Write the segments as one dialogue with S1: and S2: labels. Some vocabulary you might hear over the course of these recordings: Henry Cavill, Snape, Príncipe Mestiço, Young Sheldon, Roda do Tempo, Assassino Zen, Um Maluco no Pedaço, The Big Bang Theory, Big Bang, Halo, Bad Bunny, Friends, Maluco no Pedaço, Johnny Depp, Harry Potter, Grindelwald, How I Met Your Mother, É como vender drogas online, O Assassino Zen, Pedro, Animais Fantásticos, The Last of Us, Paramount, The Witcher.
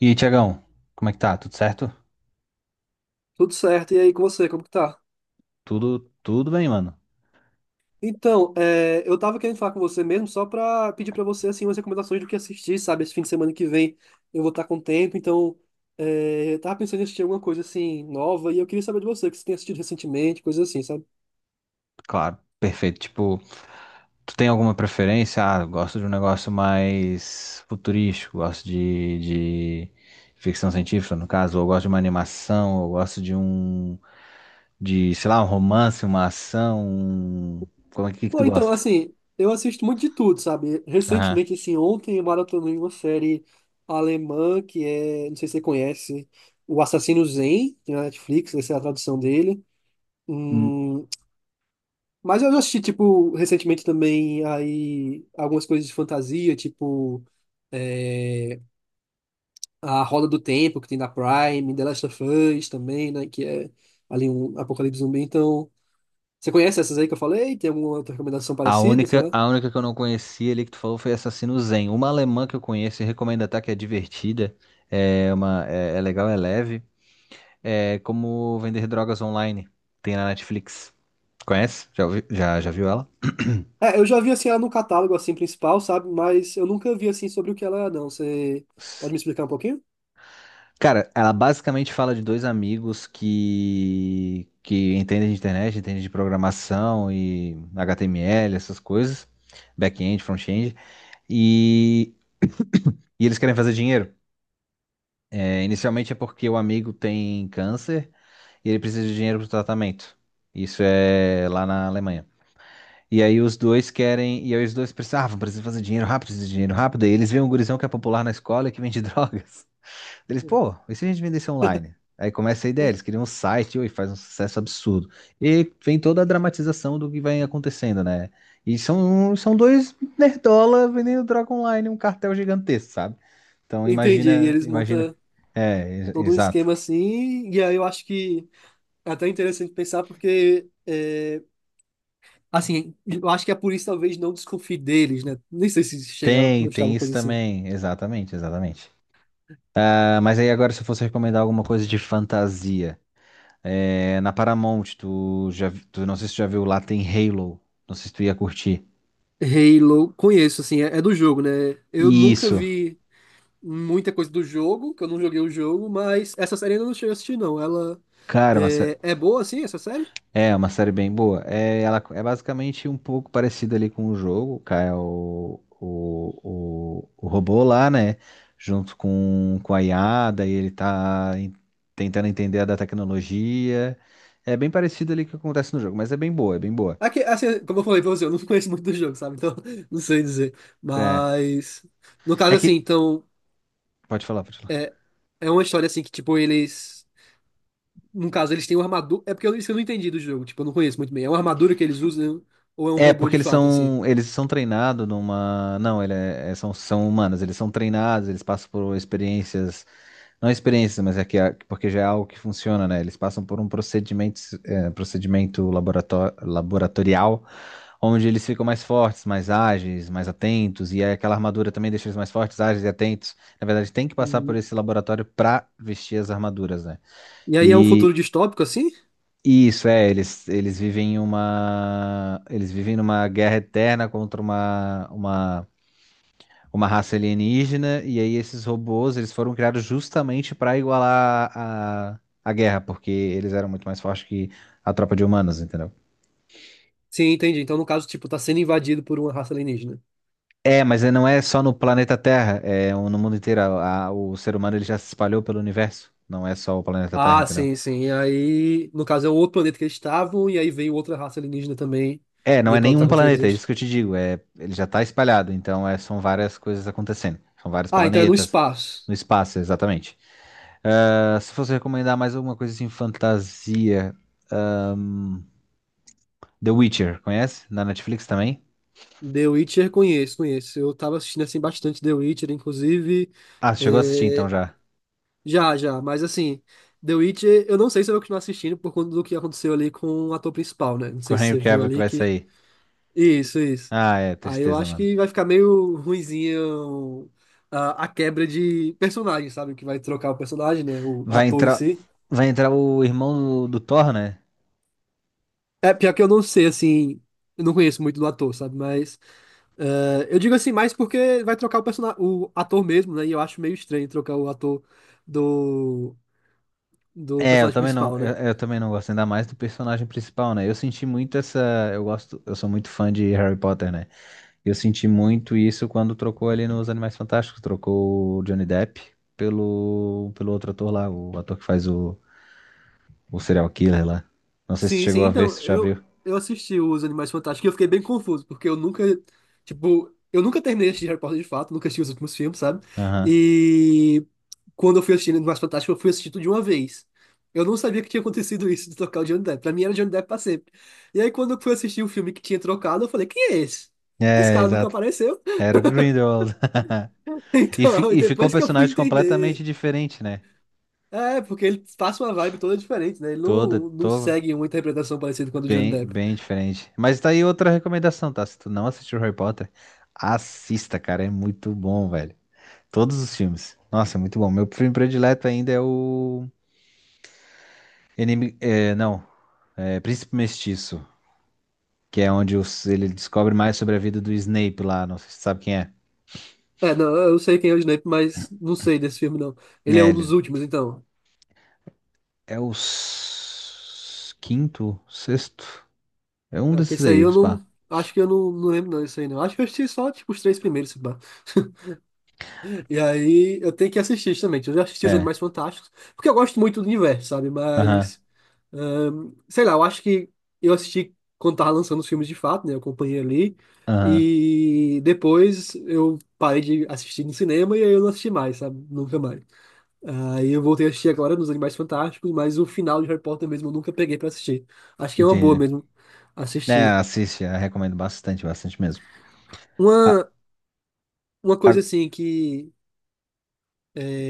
S1: E aí, Tiagão, como é que tá? Tudo certo?
S2: Tudo certo, e aí com você, como que tá?
S1: Tudo bem, mano.
S2: Então, é, eu tava querendo falar com você mesmo só pra pedir pra você, assim, umas recomendações do que assistir, sabe? Esse fim de semana que vem eu vou estar com tempo, então é, eu tava pensando em assistir alguma coisa, assim, nova, e eu queria saber de você, o que você tem assistido recentemente, coisas assim, sabe?
S1: Claro, perfeito. Tipo, tu tem alguma preferência? Ah, eu gosto de um negócio mais futurístico, gosto de ficção científica, no caso, ou eu gosto de uma animação, ou eu gosto de um, de, sei lá, um romance, uma ação, um... Como é que tu
S2: Bom, então,
S1: gosta?
S2: assim, eu assisto muito de tudo, sabe?
S1: Aham.
S2: Recentemente, assim, ontem eu maratonei uma série alemã que é, não sei se você conhece, O Assassino Zen, tem na Netflix, essa é a tradução dele.
S1: Hum.
S2: Hum. Mas eu já assisti, tipo, recentemente também aí algumas coisas de fantasia, tipo é, a Roda do Tempo, que tem na Prime, The Last of Us também, né? Que é ali um apocalipse zumbi. Então, você conhece essas aí que eu falei? Tem alguma outra recomendação
S1: A
S2: parecida, sei
S1: única,
S2: lá?
S1: a única que eu não conhecia ali que tu falou foi Assassino Zen. Uma alemã que eu conheço e recomendo, até que é divertida, é uma, é legal, é leve. É como vender drogas online. Tem na Netflix. Conhece? Já, já viu ela?
S2: É, eu já vi assim ela no catálogo assim principal, sabe? Mas eu nunca vi assim sobre o que ela é, não. Você pode me explicar um pouquinho?
S1: Cara, ela basicamente fala de dois amigos que entendem de internet, entendem de programação e HTML, essas coisas, back-end, front-end, e, e eles querem fazer dinheiro. É, inicialmente é porque o amigo tem câncer e ele precisa de dinheiro para o tratamento. Isso é lá na Alemanha. E aí os dois querem, e aí precisam fazer dinheiro rápido, precisa de dinheiro rápido. E eles veem um gurizão que é popular na escola e que vende drogas. Eles, pô, e se a gente vendesse online? Aí começa a ideia, eles criam um site e faz um sucesso absurdo. E vem toda a dramatização do que vai acontecendo, né? E são dois nerdola vendendo droga online, um cartel gigantesco, sabe? Então,
S2: Entendi. E
S1: imagina,
S2: eles
S1: imagina.
S2: montam todo um
S1: Exato.
S2: esquema assim, e aí eu acho que é até interessante pensar porque é, assim, eu acho que a polícia talvez não desconfie deles, né? Nem sei se chega a
S1: Tem,
S2: mostrar
S1: tem
S2: alguma
S1: isso
S2: coisa assim.
S1: também. Exatamente, exatamente. Ah, mas aí agora, se eu fosse recomendar alguma coisa de fantasia. É, na Paramount, tu não sei se tu já viu lá, tem Halo. Não sei se tu ia curtir.
S2: Halo, conheço, assim, é do jogo, né? Eu nunca
S1: Isso,
S2: vi muita coisa do jogo, que eu não joguei o jogo, mas essa série eu ainda não cheguei a assistir, não. Ela
S1: cara, uma sé-
S2: é boa, assim, essa série?
S1: é uma série bem boa. É, ela é basicamente um pouco parecida ali com o jogo, cara, é o robô lá, né? Junto com a IA, daí tentando entender a da tecnologia. É bem parecido ali com o que acontece no jogo, mas é bem boa, é bem boa.
S2: Aqui, assim, como eu falei pra você, eu não conheço muito do jogo, sabe? Então, não sei dizer.
S1: É,
S2: Mas, no
S1: é
S2: caso, assim,
S1: que.
S2: então,
S1: Pode falar, pode falar.
S2: é, é uma história, assim, que, tipo, eles... No caso, eles têm uma armadura... É porque eu, isso eu não entendi do jogo, tipo, eu não conheço muito bem. É uma armadura que eles usam ou é um
S1: É,
S2: robô
S1: porque
S2: de fato, assim?
S1: eles são treinados numa. Não, são, são humanos, eles são treinados, eles passam por experiências. Não experiências, mas porque já é algo que funciona, né? Eles passam por um procedimento, é, procedimento laboratorial, onde eles ficam mais fortes, mais ágeis, mais atentos, e aí aquela armadura também deixa eles mais fortes, ágeis e atentos. Na verdade, tem que passar por
S2: Hum.
S1: esse laboratório para vestir as armaduras, né?
S2: E aí é um futuro
S1: E,
S2: distópico, assim?
S1: isso, é, eles, eles vivem numa guerra eterna contra uma raça alienígena, e aí esses robôs, eles foram criados justamente para igualar a guerra, porque eles eram muito mais fortes que a tropa de humanos, entendeu?
S2: Sim, entendi. Então, no caso, tipo, tá sendo invadido por uma raça alienígena.
S1: É, mas não é só no planeta Terra, é no mundo inteiro, o ser humano ele já se espalhou pelo universo, não é só o planeta Terra,
S2: Ah,
S1: entendeu?
S2: sim, sim. E aí, no caso, é um outro planeta que eles estavam, e aí veio outra raça alienígena também,
S1: É,
S2: e
S1: não
S2: aí
S1: é
S2: pra
S1: nenhum
S2: lutar contra eles.
S1: planeta, é isso
S2: eles-
S1: que eu te digo. É, ele já está espalhado, então é, são várias coisas acontecendo. São vários
S2: Ah, então é no
S1: planetas
S2: espaço.
S1: no espaço, exatamente. Ah, se fosse recomendar mais alguma coisa assim, fantasia, The Witcher, conhece? Na Netflix também?
S2: The Witcher conheço, conheço. Eu tava assistindo assim bastante The Witcher, inclusive.
S1: Ah, chegou a assistir então
S2: É,
S1: já.
S2: já, já, mas assim, The Witcher, eu não sei se eu vou continuar assistindo por conta do que aconteceu ali com o ator principal, né? Não
S1: Com
S2: sei
S1: o
S2: se
S1: Henry
S2: você viu
S1: Cavill, que
S2: ali
S1: vai
S2: que.
S1: sair.
S2: Isso, isso.
S1: Ah, é,
S2: Aí eu
S1: tristeza,
S2: acho
S1: mano.
S2: que vai ficar meio ruinzinho a quebra de personagem, sabe? Que vai trocar o personagem, né? O
S1: Vai
S2: ator em
S1: entrar,
S2: si.
S1: vai entrar o irmão do Thor, né?
S2: É, pior que eu não sei, assim, eu não conheço muito do ator, sabe? Mas eu digo assim, mais porque vai trocar o personagem, o ator mesmo, né? E eu acho meio estranho trocar o ator do, do
S1: É,
S2: personagem principal, né?
S1: eu também não gosto ainda mais do personagem principal, né? Eu senti muito essa, eu gosto, eu sou muito fã de Harry Potter, né? Eu senti muito isso quando trocou ali nos Animais Fantásticos, trocou o Johnny Depp pelo outro ator lá, o ator que faz o serial killer lá. Não sei se tu
S2: Sim, sim,
S1: chegou a ver,
S2: então,
S1: se tu já
S2: eu,
S1: viu.
S2: eu assisti os Animais Fantásticos e eu fiquei bem confuso, porque eu nunca, tipo, eu nunca terminei de assistir Harry Potter de fato, nunca assisti os últimos filmes, sabe?
S1: Aham.
S2: E quando eu fui assistir Animais Fantásticos, eu fui assistir tudo de uma vez. Eu não sabia que tinha acontecido isso de trocar o Johnny Depp. Pra mim era Johnny Depp pra sempre. E aí, quando eu fui assistir o filme que tinha trocado, eu falei, quem é esse? Esse
S1: É,
S2: cara nunca
S1: exato.
S2: apareceu.
S1: Era o Grindelwald.
S2: Então, e
S1: E ficou um
S2: depois que eu fui
S1: personagem completamente
S2: entender.
S1: diferente, né?
S2: É, porque ele passa uma vibe toda diferente, né? Ele
S1: Toda,
S2: não
S1: tô
S2: segue uma interpretação parecida com a do Johnny
S1: bem,
S2: Depp.
S1: bem diferente. Mas tá aí outra recomendação, tá? Se tu não assistiu Harry Potter, assista, cara. É muito bom, velho. Todos os filmes. Nossa, é muito bom. Meu filme predileto ainda é o Enemy, é, não, é Príncipe Mestiço, que é onde ele descobre mais sobre a vida do Snape lá, não sei se você sabe quem é.
S2: É, não, eu sei quem é o Johnny Depp, mas não sei desse filme, não. Ele é
S1: É,
S2: um
S1: ele,
S2: dos últimos, então.
S1: quinto, sexto, é um
S2: É, que
S1: desses
S2: esse aí
S1: aí,
S2: eu
S1: pá.
S2: não. Acho que eu não lembro, não, isso aí, não. Acho que eu assisti só, tipo, os três primeiros, se pá. E aí eu tenho que assistir também. Eu já assisti os
S1: É,
S2: Animais Fantásticos, porque eu gosto muito do universo, sabe?
S1: aham,
S2: Mas, sei lá, eu acho que eu assisti quando tava lançando os filmes de fato, né? Eu acompanhei ali.
S1: aham,
S2: E depois eu parei de assistir no cinema e aí eu não assisti mais, sabe? Nunca mais. Aí eu voltei a assistir agora nos Animais Fantásticos, mas o final de Harry Potter mesmo eu nunca peguei pra assistir. Acho que é uma boa
S1: entendi.
S2: mesmo
S1: É,
S2: assistir.
S1: assiste, eu recomendo bastante, bastante mesmo. Ah,
S2: Uma, uma
S1: ah,
S2: coisa assim que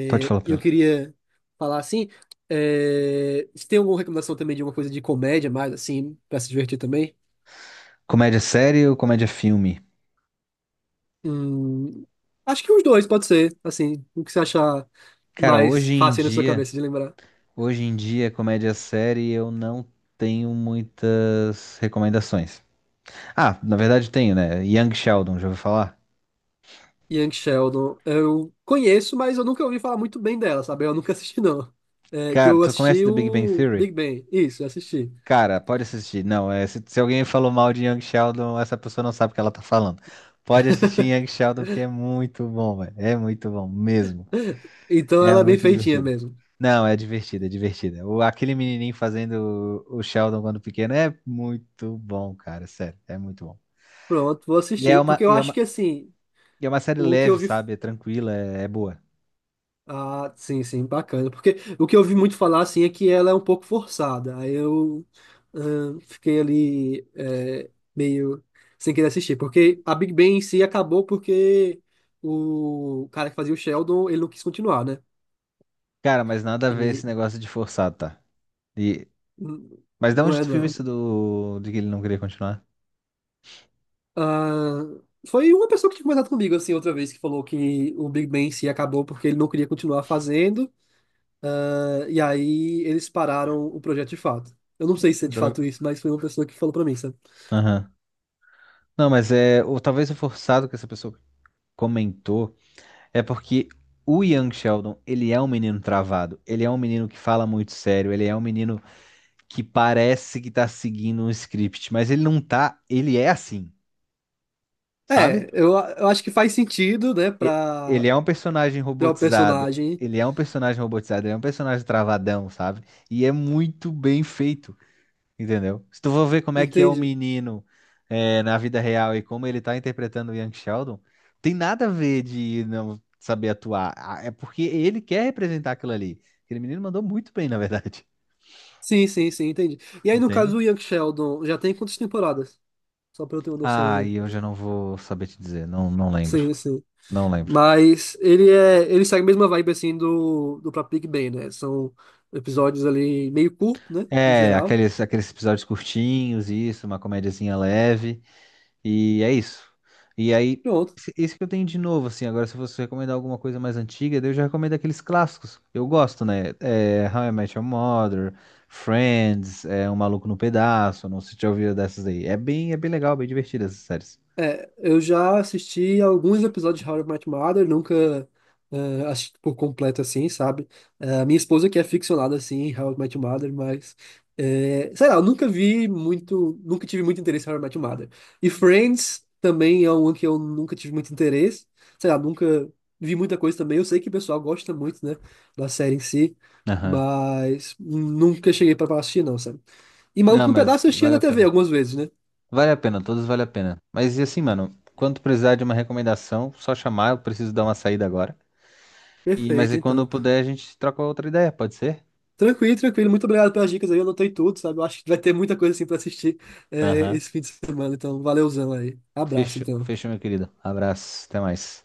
S1: pode falar pra
S2: eu
S1: ela.
S2: queria falar assim. É, se tem alguma recomendação também de alguma coisa de comédia, mais assim, pra se divertir também?
S1: Comédia série ou comédia filme?
S2: Hum, acho que os dois, pode ser, assim, o que você achar
S1: Cara,
S2: mais fácil aí na sua cabeça de lembrar.
S1: hoje em dia, comédia série eu não tenho muitas recomendações. Ah, na verdade tenho, né? Young Sheldon, já ouviu falar?
S2: Young Sheldon, eu conheço, mas eu nunca ouvi falar muito bem dela, sabe? Eu nunca assisti, não. É, que
S1: Cara,
S2: eu
S1: tu conhece
S2: assisti
S1: The Big Bang
S2: o
S1: Theory?
S2: Big Bang, isso, eu assisti.
S1: Cara, pode assistir. Não, é, se alguém falou mal de Young Sheldon, essa pessoa não sabe o que ela tá falando. Pode assistir Young Sheldon, que é muito bom, velho. É muito bom mesmo.
S2: Então
S1: É
S2: ela é bem
S1: muito
S2: feitinha
S1: divertido.
S2: mesmo.
S1: Não, é divertido, é divertido. O, aquele menininho fazendo o Sheldon quando pequeno é muito bom, cara. Sério, é muito bom.
S2: Pronto, vou
S1: E é
S2: assistir.
S1: uma,
S2: Porque eu
S1: e é
S2: acho que,
S1: uma,
S2: assim,
S1: e é uma série
S2: o que eu
S1: leve,
S2: vi.
S1: sabe? É tranquila, é, é boa.
S2: Ah, sim, sim, bacana. Porque o que eu ouvi muito falar, assim, é que ela é um pouco forçada. Aí eu fiquei ali, meio sem querer assistir. Porque a Big Bang em si acabou porque o cara que fazia o Sheldon, ele não quis continuar, né?
S1: Cara, mas nada a ver esse
S2: E
S1: negócio de forçado, tá? E
S2: n-
S1: mas da
S2: não
S1: onde
S2: é,
S1: tu viu
S2: não.
S1: isso do... de que ele não queria continuar?
S2: Ah, foi uma pessoa que tinha conversado comigo, assim, outra vez, que falou que o Big Bang em si acabou porque ele não queria continuar fazendo. Ah, e aí eles pararam o projeto de fato. Eu não sei se é de fato
S1: Droga.
S2: isso, mas foi uma pessoa que falou pra mim, sabe?
S1: Aham. Não, mas é. Ou talvez o forçado que essa pessoa comentou é porque o Young Sheldon, ele é um menino travado. Ele é um menino que fala muito sério. Ele é um menino que parece que tá seguindo um script, mas ele não tá. Ele é assim,
S2: É,
S1: sabe?
S2: eu acho que faz sentido, né,
S1: E- ele
S2: pra
S1: é um personagem
S2: criar o
S1: robotizado.
S2: personagem.
S1: Ele é um personagem robotizado. Ele é um personagem travadão, sabe? E é muito bem feito. Entendeu? Se tu for ver como é que é o
S2: Entende?
S1: menino é, na vida real e como ele tá interpretando o Young Sheldon, tem nada a ver de não saber atuar. Ah, é porque ele quer representar aquilo ali. Aquele menino mandou muito bem, na verdade.
S2: Sim, sim, sim, entendi. E aí, no caso
S1: Entende?
S2: do Young Sheldon, já tem quantas temporadas? Só pra eu ter uma
S1: Ah, e
S2: noçãozinha.
S1: eu já não vou saber te dizer. Não, não lembro.
S2: Sim, sim.
S1: Não lembro.
S2: Mas ele é, ele segue a mesma vibe assim do próprio Big Bang, né? São episódios ali meio curto, né? No
S1: É,
S2: geral.
S1: aqueles episódios curtinhos, isso, uma comédiazinha leve. E é isso. E aí,
S2: Pronto.
S1: isso que eu tenho de novo, assim. Agora, se você recomendar alguma coisa mais antiga, daí eu já recomendo aqueles clássicos. Eu gosto, né? É, How I Met Your Mother, Friends, é, Um Maluco no Pedaço. Não sei se já ouviu dessas aí. É bem legal, bem divertido essas séries.
S2: É, eu já assisti alguns episódios de How I Met Your Mother, nunca assisti por completo assim, sabe? Minha esposa que é ficcionada assim, em How I Met Your Mother, mas sei lá, eu nunca vi muito, nunca tive muito interesse em How I Met Your Mother. E Friends também é um que eu nunca tive muito interesse, sei lá, nunca vi muita coisa também. Eu sei que o pessoal gosta muito, né, da série em si,
S1: Aham.
S2: mas nunca cheguei pra assistir não, sabe? E Maluco
S1: Não,
S2: no
S1: mas
S2: Pedaço eu assistia
S1: vale
S2: na
S1: a
S2: TV
S1: pena.
S2: algumas vezes, né?
S1: Vale a pena, todos vale a pena. Mas e assim, mano, quando precisar de uma recomendação, só chamar, eu preciso dar uma saída agora. E, mas
S2: Perfeito,
S1: e quando eu
S2: então.
S1: puder, a gente troca outra ideia, pode ser?
S2: Tranquilo, tranquilo. Muito obrigado pelas dicas aí. Eu anotei tudo, sabe? Eu acho que vai ter muita coisa assim pra assistir,
S1: Aham.
S2: esse fim de semana. Então, valeuzão aí. Abraço,
S1: Fechou,
S2: então.
S1: fechou, meu querido. Abraço, até mais.